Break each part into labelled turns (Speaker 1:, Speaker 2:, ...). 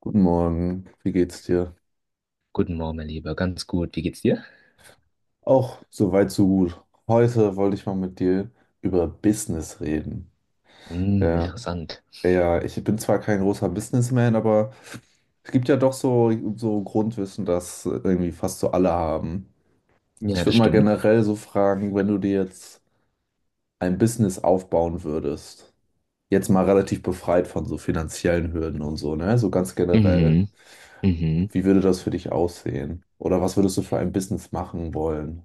Speaker 1: Guten Morgen, wie geht's dir?
Speaker 2: Guten Morgen, mein Lieber. Ganz gut. Wie geht's dir?
Speaker 1: Auch soweit so gut. Heute wollte ich mal mit dir über Business reden.
Speaker 2: Hm,
Speaker 1: Ja,
Speaker 2: interessant.
Speaker 1: ja, ich bin zwar kein großer Businessman, aber es gibt ja doch so Grundwissen, das irgendwie fast so alle haben.
Speaker 2: Ja,
Speaker 1: Ich
Speaker 2: das
Speaker 1: würde mal
Speaker 2: stimmt.
Speaker 1: generell so fragen, wenn du dir jetzt ein Business aufbauen würdest, jetzt mal relativ befreit von so finanziellen Hürden und so, ne? So ganz generell.
Speaker 2: Mhm. Mhm.
Speaker 1: Wie würde das für dich aussehen? Oder was würdest du für ein Business machen wollen?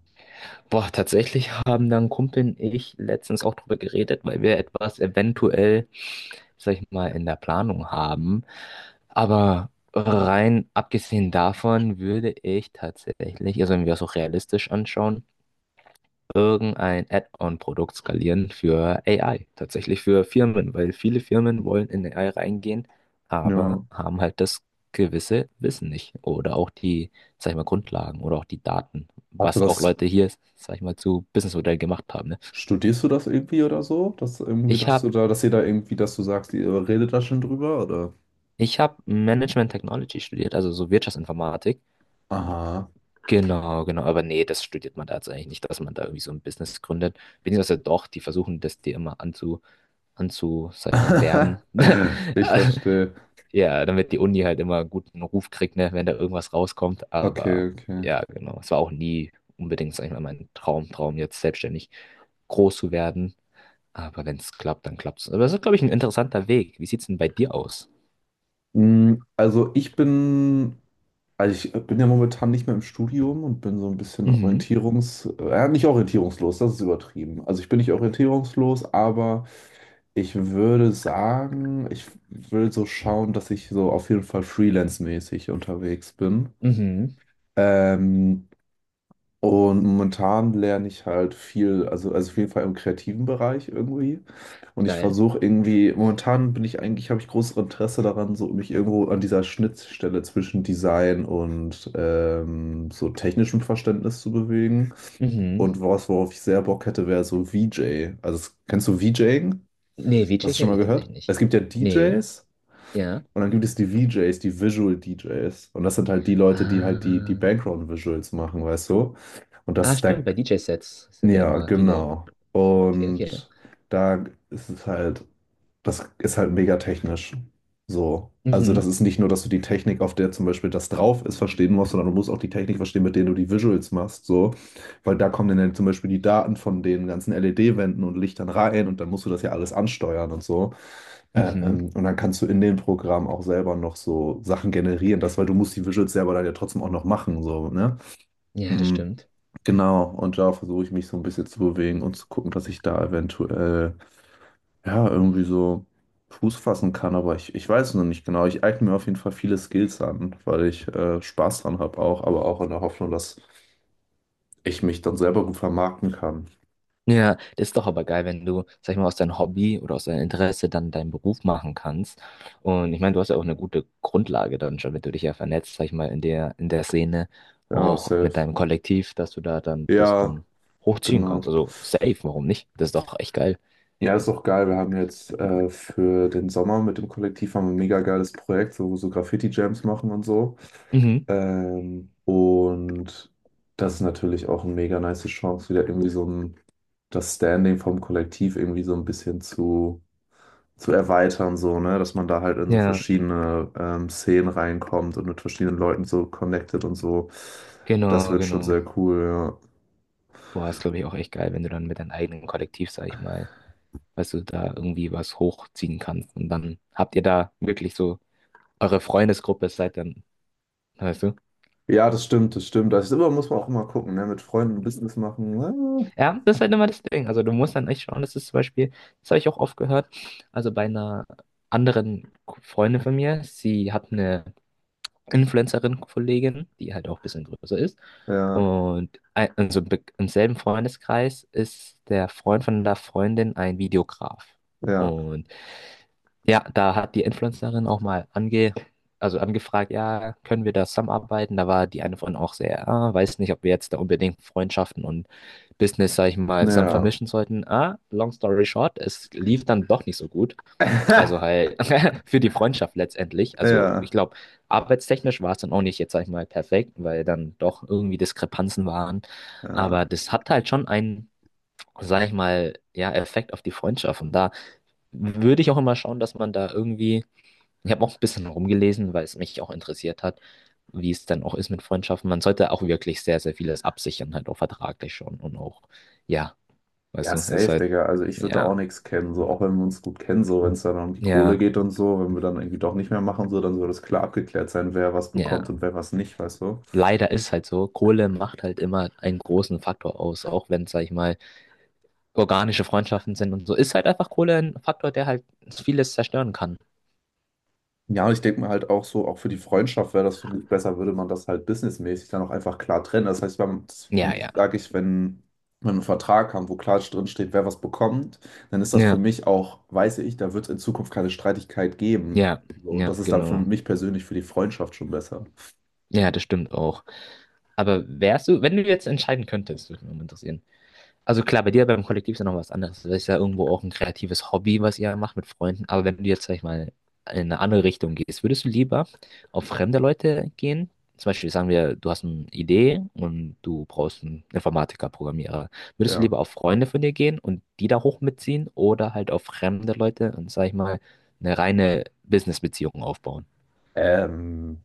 Speaker 2: Boah, tatsächlich haben dann Kumpel und ich letztens auch drüber geredet, weil wir etwas eventuell, sag ich mal, in der Planung haben. Aber rein abgesehen davon würde ich tatsächlich, also wenn wir es auch realistisch anschauen, irgendein Add-on-Produkt skalieren für AI, tatsächlich für Firmen, weil viele Firmen wollen in AI reingehen, aber
Speaker 1: Ja.
Speaker 2: haben halt das gewisse Wissen nicht oder auch die, sag ich mal, Grundlagen oder auch die Daten,
Speaker 1: Hast du
Speaker 2: was auch
Speaker 1: das,
Speaker 2: Leute hier, sag ich mal, zu Businessmodellen gemacht haben, ne?
Speaker 1: studierst du das irgendwie oder so? Dass irgendwie,
Speaker 2: Ich
Speaker 1: dass du
Speaker 2: habe
Speaker 1: da, dass ihr da irgendwie, dass du sagst, ihr redet da schon drüber, oder?
Speaker 2: ich hab Management Technology studiert, also so Wirtschaftsinformatik.
Speaker 1: Aha.
Speaker 2: Genau, genau, aber nee, das studiert man da jetzt eigentlich nicht, dass man da irgendwie so ein Business gründet. Beziehungsweise doch, die versuchen das dir immer sag ich mal, werben.
Speaker 1: Ich verstehe.
Speaker 2: Ja, damit die Uni halt immer einen guten Ruf kriegt, ne, wenn da irgendwas rauskommt.
Speaker 1: Okay,
Speaker 2: Aber
Speaker 1: okay.
Speaker 2: ja, genau. Es war auch nie unbedingt, sag ich mal, mein Traum, jetzt selbstständig groß zu werden. Aber wenn es klappt, dann klappt es. Aber das ist, glaube ich, ein interessanter Weg. Wie sieht es denn bei dir aus?
Speaker 1: Mm, also ich bin ja momentan nicht mehr im Studium und bin so ein bisschen
Speaker 2: Mhm.
Speaker 1: nicht orientierungslos, das ist übertrieben. Also ich bin nicht orientierungslos, aber ich würde sagen, ich will so schauen, dass ich so auf jeden Fall freelance-mäßig unterwegs bin.
Speaker 2: Mhm.
Speaker 1: Ähm, und momentan lerne ich halt viel, also auf jeden Fall im kreativen Bereich irgendwie. Und ich
Speaker 2: Geil.
Speaker 1: versuche irgendwie, momentan bin ich eigentlich, habe ich großes Interesse daran, so mich irgendwo an dieser Schnittstelle zwischen Design und so technischem Verständnis zu bewegen. Und
Speaker 2: Mhm.
Speaker 1: was, worauf ich sehr Bock hätte, wäre so VJ. Also, kennst du VJing?
Speaker 2: Nee, VJ
Speaker 1: Hast du schon
Speaker 2: kenne
Speaker 1: mal
Speaker 2: ich
Speaker 1: gehört?
Speaker 2: tatsächlich nicht.
Speaker 1: Es gibt ja
Speaker 2: Nee,
Speaker 1: DJs.
Speaker 2: ja.
Speaker 1: Und dann gibt es die VJs, die Visual DJs. Und das sind halt die Leute, die halt die
Speaker 2: Ah.
Speaker 1: Background-Visuals machen, weißt du? Und
Speaker 2: Ah, stimmt, bei DJ-Sets sind ja
Speaker 1: ja,
Speaker 2: immer viele.
Speaker 1: genau.
Speaker 2: Okay, okay.
Speaker 1: Und da ist es halt, das ist halt mega technisch. So. Also das
Speaker 2: Mhm.
Speaker 1: ist nicht nur, dass du die Technik, auf der zum Beispiel das drauf ist, verstehen musst, sondern du musst auch die Technik verstehen, mit der du die Visuals machst, so. Weil da kommen dann ja zum Beispiel die Daten von den ganzen LED-Wänden und Lichtern rein und dann musst du das ja alles ansteuern und so.
Speaker 2: Mhm.
Speaker 1: Und dann kannst du in dem Programm auch selber noch so Sachen generieren, das, weil du musst die Visuals selber dann ja trotzdem auch noch machen, so, ne?
Speaker 2: Ja, das
Speaker 1: Mhm.
Speaker 2: stimmt.
Speaker 1: Genau, und da versuche ich mich so ein bisschen zu bewegen und zu gucken, dass ich da eventuell, ja, irgendwie so Fuß fassen kann, aber ich weiß es noch nicht genau. Ich eigne mir auf jeden Fall viele Skills an, weil ich Spaß dran habe auch, aber auch in der Hoffnung, dass ich mich dann selber gut vermarkten kann.
Speaker 2: Ja, das ist doch aber geil, wenn du, sag ich mal, aus deinem Hobby oder aus deinem Interesse dann deinen Beruf machen kannst. Und ich meine, du hast ja auch eine gute Grundlage dann schon, wenn du dich ja vernetzt, sag ich mal, in der Szene,
Speaker 1: Ja,
Speaker 2: auch mit
Speaker 1: safe.
Speaker 2: deinem Kollektiv, dass du da dann das
Speaker 1: Ja,
Speaker 2: dann hochziehen
Speaker 1: genau.
Speaker 2: kannst. Also safe, warum nicht? Das ist doch echt geil.
Speaker 1: Ja, ist auch geil. Wir haben jetzt für den Sommer mit dem Kollektiv haben wir ein mega geiles Projekt, so, so Graffiti-Jams machen und so.
Speaker 2: Mhm.
Speaker 1: Und das ist natürlich auch eine mega nice Chance, wieder irgendwie so ein, das Standing vom Kollektiv irgendwie so ein bisschen zu erweitern, so, ne? Dass man da halt in so
Speaker 2: Ja,
Speaker 1: verschiedene Szenen reinkommt und mit verschiedenen Leuten so connected und so. Das
Speaker 2: genau,
Speaker 1: wird schon
Speaker 2: genau.
Speaker 1: sehr cool, ja.
Speaker 2: Boah, ist, glaube ich, auch echt geil, wenn du dann mit deinem eigenen Kollektiv, sag ich mal, weißt du, da irgendwie was hochziehen kannst. Und dann habt ihr da wirklich so eure Freundesgruppe, seid dann, weißt du?
Speaker 1: Ja, das stimmt. Das ist immer, muss man auch immer gucken, ne? Mit Freunden Business machen. Ah,
Speaker 2: Ja, das ist halt immer das Ding. Also du musst dann echt schauen, das ist zum Beispiel, das habe ich auch oft gehört, also bei einer anderen Freundin von mir, sie hat eine Influencerin-Kollegin, die halt auch ein bisschen größer ist.
Speaker 1: ja.
Speaker 2: Und ein, also Im im selben Freundeskreis ist der Freund von der Freundin ein Videograf.
Speaker 1: Ja,
Speaker 2: Und ja, da hat die Influencerin auch mal also angefragt, ja, können wir da zusammenarbeiten? Da war die eine von auch sehr, ah, weiß nicht, ob wir jetzt da unbedingt Freundschaften und Business, sag ich mal, zusammen
Speaker 1: naja.
Speaker 2: vermischen sollten. Ah, long story short, es lief dann doch nicht so gut. Also halt für die Freundschaft letztendlich. Also ich
Speaker 1: Ja,
Speaker 2: glaube, arbeitstechnisch war es dann auch nicht jetzt, sag ich mal, perfekt, weil dann doch irgendwie Diskrepanzen waren.
Speaker 1: ja.
Speaker 2: Aber das hat halt schon einen, sag ich mal, ja, Effekt auf die Freundschaft. Und da würde ich auch immer schauen, dass man da irgendwie, ich habe auch ein bisschen rumgelesen, weil es mich auch interessiert hat, wie es dann auch ist mit Freundschaften. Man sollte auch wirklich sehr, sehr vieles absichern, halt auch vertraglich schon und auch, ja, weißt
Speaker 1: Ja,
Speaker 2: du, ist
Speaker 1: safe,
Speaker 2: halt,
Speaker 1: Digga. Also ich würde da
Speaker 2: ja,
Speaker 1: auch nichts kennen, so auch wenn wir uns gut kennen, so wenn es dann um die Kohle
Speaker 2: ja,
Speaker 1: geht und so, wenn wir dann irgendwie doch nicht mehr machen, so, dann soll das klar abgeklärt sein, wer was bekommt
Speaker 2: ja.
Speaker 1: und wer was nicht, weißt du?
Speaker 2: Leider ist halt so, Kohle macht halt immer einen großen Faktor aus, auch wenn, sag ich mal, organische Freundschaften sind und so, ist halt einfach Kohle ein Faktor, der halt vieles zerstören kann.
Speaker 1: Ja, und ich denke mir halt auch so, auch für die Freundschaft wäre das für mich besser, würde man das halt businessmäßig dann auch einfach klar trennen. Das heißt, wenn, für
Speaker 2: Ja,
Speaker 1: mich
Speaker 2: ja,
Speaker 1: sage ich, wenn wir einen Vertrag haben, wo klar drin steht, wer was bekommt, dann ist das für
Speaker 2: ja,
Speaker 1: mich auch, weiß ich, da wird es in Zukunft keine Streitigkeit geben.
Speaker 2: ja,
Speaker 1: So. Und
Speaker 2: ja,
Speaker 1: das ist dann für
Speaker 2: genau.
Speaker 1: mich persönlich für die Freundschaft schon besser.
Speaker 2: Ja, das stimmt auch. Aber wärst du, wenn du jetzt entscheiden könntest, würde mich mal interessieren. Also klar, bei dir beim Kollektiv ist ja noch was anderes. Das ist ja irgendwo auch ein kreatives Hobby, was ihr macht mit Freunden. Aber wenn du jetzt, sag ich mal, in eine andere Richtung gehst, würdest du lieber auf fremde Leute gehen? Zum Beispiel sagen wir, du hast eine Idee und du brauchst einen Informatiker, Programmierer. Würdest du
Speaker 1: Ja.
Speaker 2: lieber auf Freunde von dir gehen und die da hoch mitziehen oder halt auf fremde Leute und, sag ich mal, eine reine Business-Beziehung aufbauen?
Speaker 1: Ähm,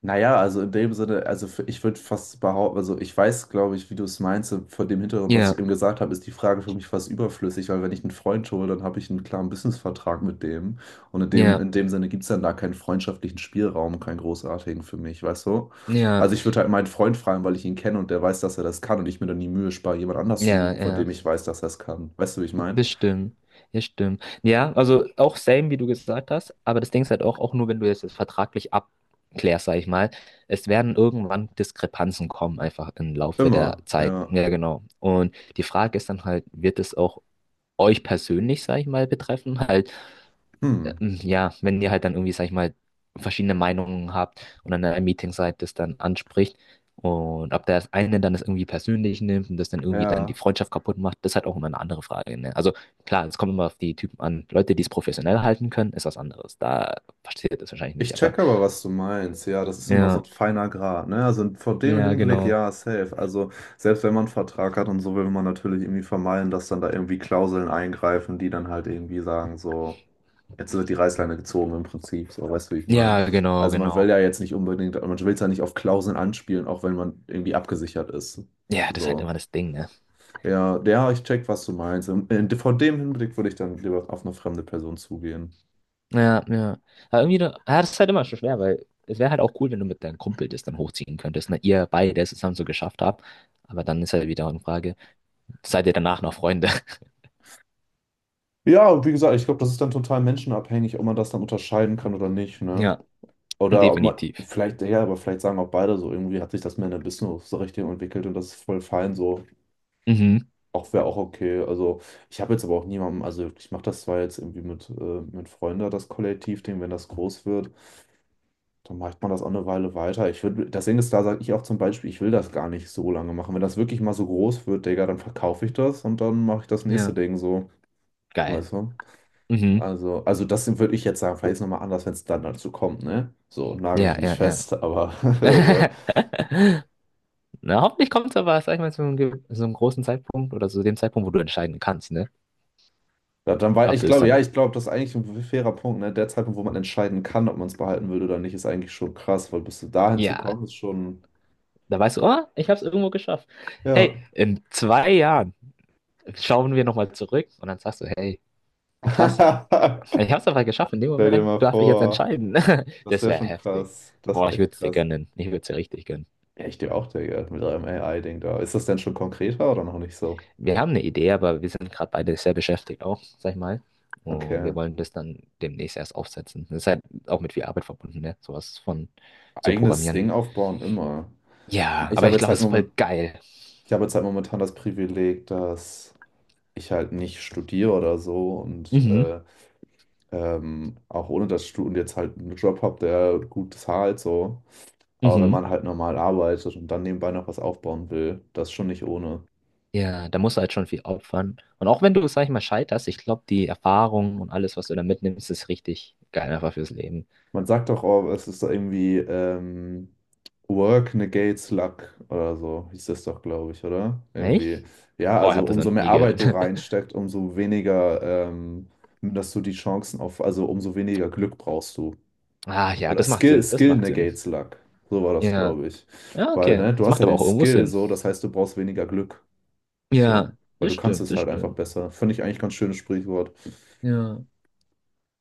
Speaker 1: Naja, also in dem Sinne, also ich würde fast behaupten, also ich weiß, glaube ich, wie du es meinst, und vor dem Hintergrund, was
Speaker 2: Ja,
Speaker 1: ich eben gesagt habe, ist die Frage für mich fast überflüssig, weil wenn ich einen Freund hole, dann habe ich einen klaren Businessvertrag mit dem und in dem,
Speaker 2: ja,
Speaker 1: in dem Sinne gibt es dann da keinen freundschaftlichen Spielraum, keinen großartigen für mich, weißt du?
Speaker 2: ja,
Speaker 1: Also ich würde halt meinen Freund fragen, weil ich ihn kenne und der weiß, dass er das kann und ich mir dann die Mühe spare, jemand anders zu
Speaker 2: ja,
Speaker 1: suchen, von
Speaker 2: ja.
Speaker 1: dem ich weiß, dass er es kann. Weißt du, wie ich meine?
Speaker 2: Das stimmt, das stimmt. Ja, also auch same, wie du gesagt hast, aber das Ding ist halt auch nur, wenn du jetzt das vertraglich abklärst, sag ich mal, es werden irgendwann Diskrepanzen kommen, einfach im Laufe der
Speaker 1: Immer,
Speaker 2: Zeit.
Speaker 1: ja.
Speaker 2: Ja, genau. Und die Frage ist dann halt, wird es auch euch persönlich, sag ich mal, betreffen? Halt,
Speaker 1: Hm.
Speaker 2: ja, wenn ihr halt dann irgendwie, sag ich mal, verschiedene Meinungen habt und dann in einem Meeting seid, das dann anspricht und ob der das eine dann das irgendwie persönlich nimmt und das dann irgendwie dann die
Speaker 1: Ja.
Speaker 2: Freundschaft kaputt macht, das ist halt auch immer eine andere Frage, ne? Also klar, es kommt immer auf die Typen an. Leute, die es professionell halten können, ist was anderes. Da passiert das wahrscheinlich
Speaker 1: Ich
Speaker 2: nicht, aber
Speaker 1: checke aber, was du meinst. Ja, das ist immer so ein
Speaker 2: ja,
Speaker 1: feiner Grat, ne? Also vor dem
Speaker 2: ja,
Speaker 1: Hinblick,
Speaker 2: genau.
Speaker 1: ja, safe. Also selbst wenn man einen Vertrag hat und so, will man natürlich irgendwie vermeiden, dass dann da irgendwie Klauseln eingreifen, die dann halt irgendwie sagen, so, jetzt wird die Reißleine gezogen im Prinzip. So, weißt du, wie ich meine?
Speaker 2: Ja, genau,
Speaker 1: Also man will
Speaker 2: genau.
Speaker 1: ja jetzt nicht unbedingt, man will es ja nicht auf Klauseln anspielen, auch wenn man irgendwie abgesichert ist.
Speaker 2: Ja, das ist halt
Speaker 1: So.
Speaker 2: immer das Ding, ne?
Speaker 1: Ja, ja, ich check, was du meinst. Vor dem Hinblick würde ich dann lieber auf eine fremde Person zugehen.
Speaker 2: Ja, ja. Aber irgendwie, ja, das ist halt immer schon schwer, weil es wäre halt auch cool, wenn du mit deinem Kumpel das dann hochziehen könntest, ne? Ihr beide es zusammen so geschafft habt. Aber dann ist halt wieder eine Frage, seid ihr danach noch Freunde?
Speaker 1: Ja, und wie gesagt, ich glaube, das ist dann total menschenabhängig, ob man das dann unterscheiden kann oder nicht, ne?
Speaker 2: Ja,
Speaker 1: Oder ob man,
Speaker 2: definitiv.
Speaker 1: vielleicht, ja, aber vielleicht sagen auch beide so, irgendwie hat sich das Männer Business so richtig entwickelt und das ist voll fein so.
Speaker 2: Mhm.
Speaker 1: Auch wäre auch okay. Also ich habe jetzt aber auch niemanden, also ich mache das zwar jetzt irgendwie mit Freunden, das Kollektivding, wenn das groß wird, dann macht man das auch eine Weile weiter. Ich würde, das Ding ist, da sage ich auch zum Beispiel, ich will das gar nicht so lange machen. Wenn das wirklich mal so groß wird, Digga, dann verkaufe ich das und dann mache ich das nächste
Speaker 2: Ja,
Speaker 1: Ding so.
Speaker 2: geil.
Speaker 1: Weißt du?
Speaker 2: Mhm.
Speaker 1: Also das würde ich jetzt sagen, vielleicht ist es nochmal anders, wenn es dann dazu kommt, ne? So, nagel
Speaker 2: Ja,
Speaker 1: mich nicht
Speaker 2: ja, ja.
Speaker 1: fest, aber also,
Speaker 2: Na, hoffentlich kommt es aber, sag ich mal, zu einem, so einem großen Zeitpunkt oder zu dem Zeitpunkt, wo du entscheiden kannst, ne?
Speaker 1: ja, dann war,
Speaker 2: Ob
Speaker 1: ich
Speaker 2: du es
Speaker 1: glaube, ja,
Speaker 2: dann,
Speaker 1: ich glaube, das ist eigentlich ein fairer Punkt, ne? Der Zeitpunkt, wo man entscheiden kann, ob man es behalten will oder nicht, ist eigentlich schon krass, weil bis du dahin zu
Speaker 2: ja,
Speaker 1: kommen, ist schon,
Speaker 2: da weißt du, oh, ich hab's irgendwo geschafft. Hey,
Speaker 1: ja.
Speaker 2: in 2 Jahren schauen wir nochmal zurück und dann sagst du, hey, krass. Ich hab's aber geschafft. In dem
Speaker 1: Stell dir
Speaker 2: Moment
Speaker 1: mal
Speaker 2: darf ich jetzt
Speaker 1: vor,
Speaker 2: entscheiden.
Speaker 1: das
Speaker 2: Das
Speaker 1: wäre
Speaker 2: wäre
Speaker 1: schon
Speaker 2: heftig.
Speaker 1: krass. Das
Speaker 2: Boah,
Speaker 1: wäre
Speaker 2: ich
Speaker 1: echt
Speaker 2: würde es dir
Speaker 1: krass.
Speaker 2: gönnen. Ich würde es dir richtig gönnen.
Speaker 1: Ja, ich dir auch, Digga, mit eurem AI-Ding da. Ist das denn schon konkreter oder noch nicht so?
Speaker 2: Wir haben eine Idee, aber wir sind gerade beide sehr beschäftigt auch, sag ich mal. Und
Speaker 1: Okay.
Speaker 2: wir wollen das dann demnächst erst aufsetzen. Das ist halt auch mit viel Arbeit verbunden, ne? Sowas von zu
Speaker 1: Eigenes Ding
Speaker 2: programmieren.
Speaker 1: aufbauen, immer.
Speaker 2: Ja,
Speaker 1: Ich
Speaker 2: aber
Speaker 1: habe
Speaker 2: ich
Speaker 1: jetzt
Speaker 2: glaube,
Speaker 1: halt
Speaker 2: es ist voll
Speaker 1: moment,
Speaker 2: geil.
Speaker 1: Ich habe jetzt halt momentan das Privileg, dass ich halt nicht studiere oder so und
Speaker 2: Mhm.
Speaker 1: auch ohne das Studium jetzt halt einen Job habe, der gut zahlt so. Aber wenn
Speaker 2: Mhm.
Speaker 1: man halt normal arbeitet und dann nebenbei noch was aufbauen will, das ist schon nicht ohne.
Speaker 2: Ja, da musst du halt schon viel opfern. Und auch wenn du, sag ich mal, scheiterst, ich glaube, die Erfahrung und alles, was du da mitnimmst, ist richtig geil einfach fürs Leben.
Speaker 1: Man sagt doch, oh, es ist doch irgendwie, Work negates luck oder so, hieß das doch, glaube ich, oder? Irgendwie,
Speaker 2: Echt?
Speaker 1: ja,
Speaker 2: Oh, ich
Speaker 1: also
Speaker 2: habe das noch
Speaker 1: umso mehr
Speaker 2: nie
Speaker 1: Arbeit
Speaker 2: gehört.
Speaker 1: du reinsteckst, ähm, dass du die Chancen auf, also umso weniger Glück brauchst du.
Speaker 2: Ah, ja,
Speaker 1: Oder
Speaker 2: das macht
Speaker 1: Skill,
Speaker 2: Sinn, das
Speaker 1: Skill
Speaker 2: macht Sinn.
Speaker 1: negates Luck. So war das,
Speaker 2: Ja,
Speaker 1: glaube ich.
Speaker 2: ja,
Speaker 1: Weil,
Speaker 2: okay.
Speaker 1: ne,
Speaker 2: Das
Speaker 1: du hast
Speaker 2: macht
Speaker 1: ja
Speaker 2: aber
Speaker 1: den
Speaker 2: auch irgendwo
Speaker 1: Skill
Speaker 2: Sinn.
Speaker 1: so, das heißt, du brauchst weniger Glück.
Speaker 2: Ja,
Speaker 1: So. Weil
Speaker 2: das
Speaker 1: du kannst
Speaker 2: stimmt,
Speaker 1: es
Speaker 2: das
Speaker 1: halt einfach
Speaker 2: stimmt.
Speaker 1: besser. Finde ich eigentlich ganz schönes Sprichwort.
Speaker 2: Ja,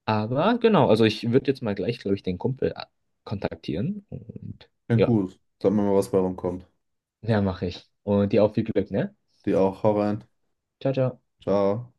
Speaker 2: aber genau, also ich würde jetzt mal gleich, glaube ich, den Kumpel kontaktieren und
Speaker 1: Klingt
Speaker 2: ja,
Speaker 1: gut. Sag mir mal, was bei rumkommt.
Speaker 2: ja, mache ich. Und dir auch viel Glück, ne?
Speaker 1: Dir auch. Hau rein.
Speaker 2: Ciao, ciao.
Speaker 1: Ciao.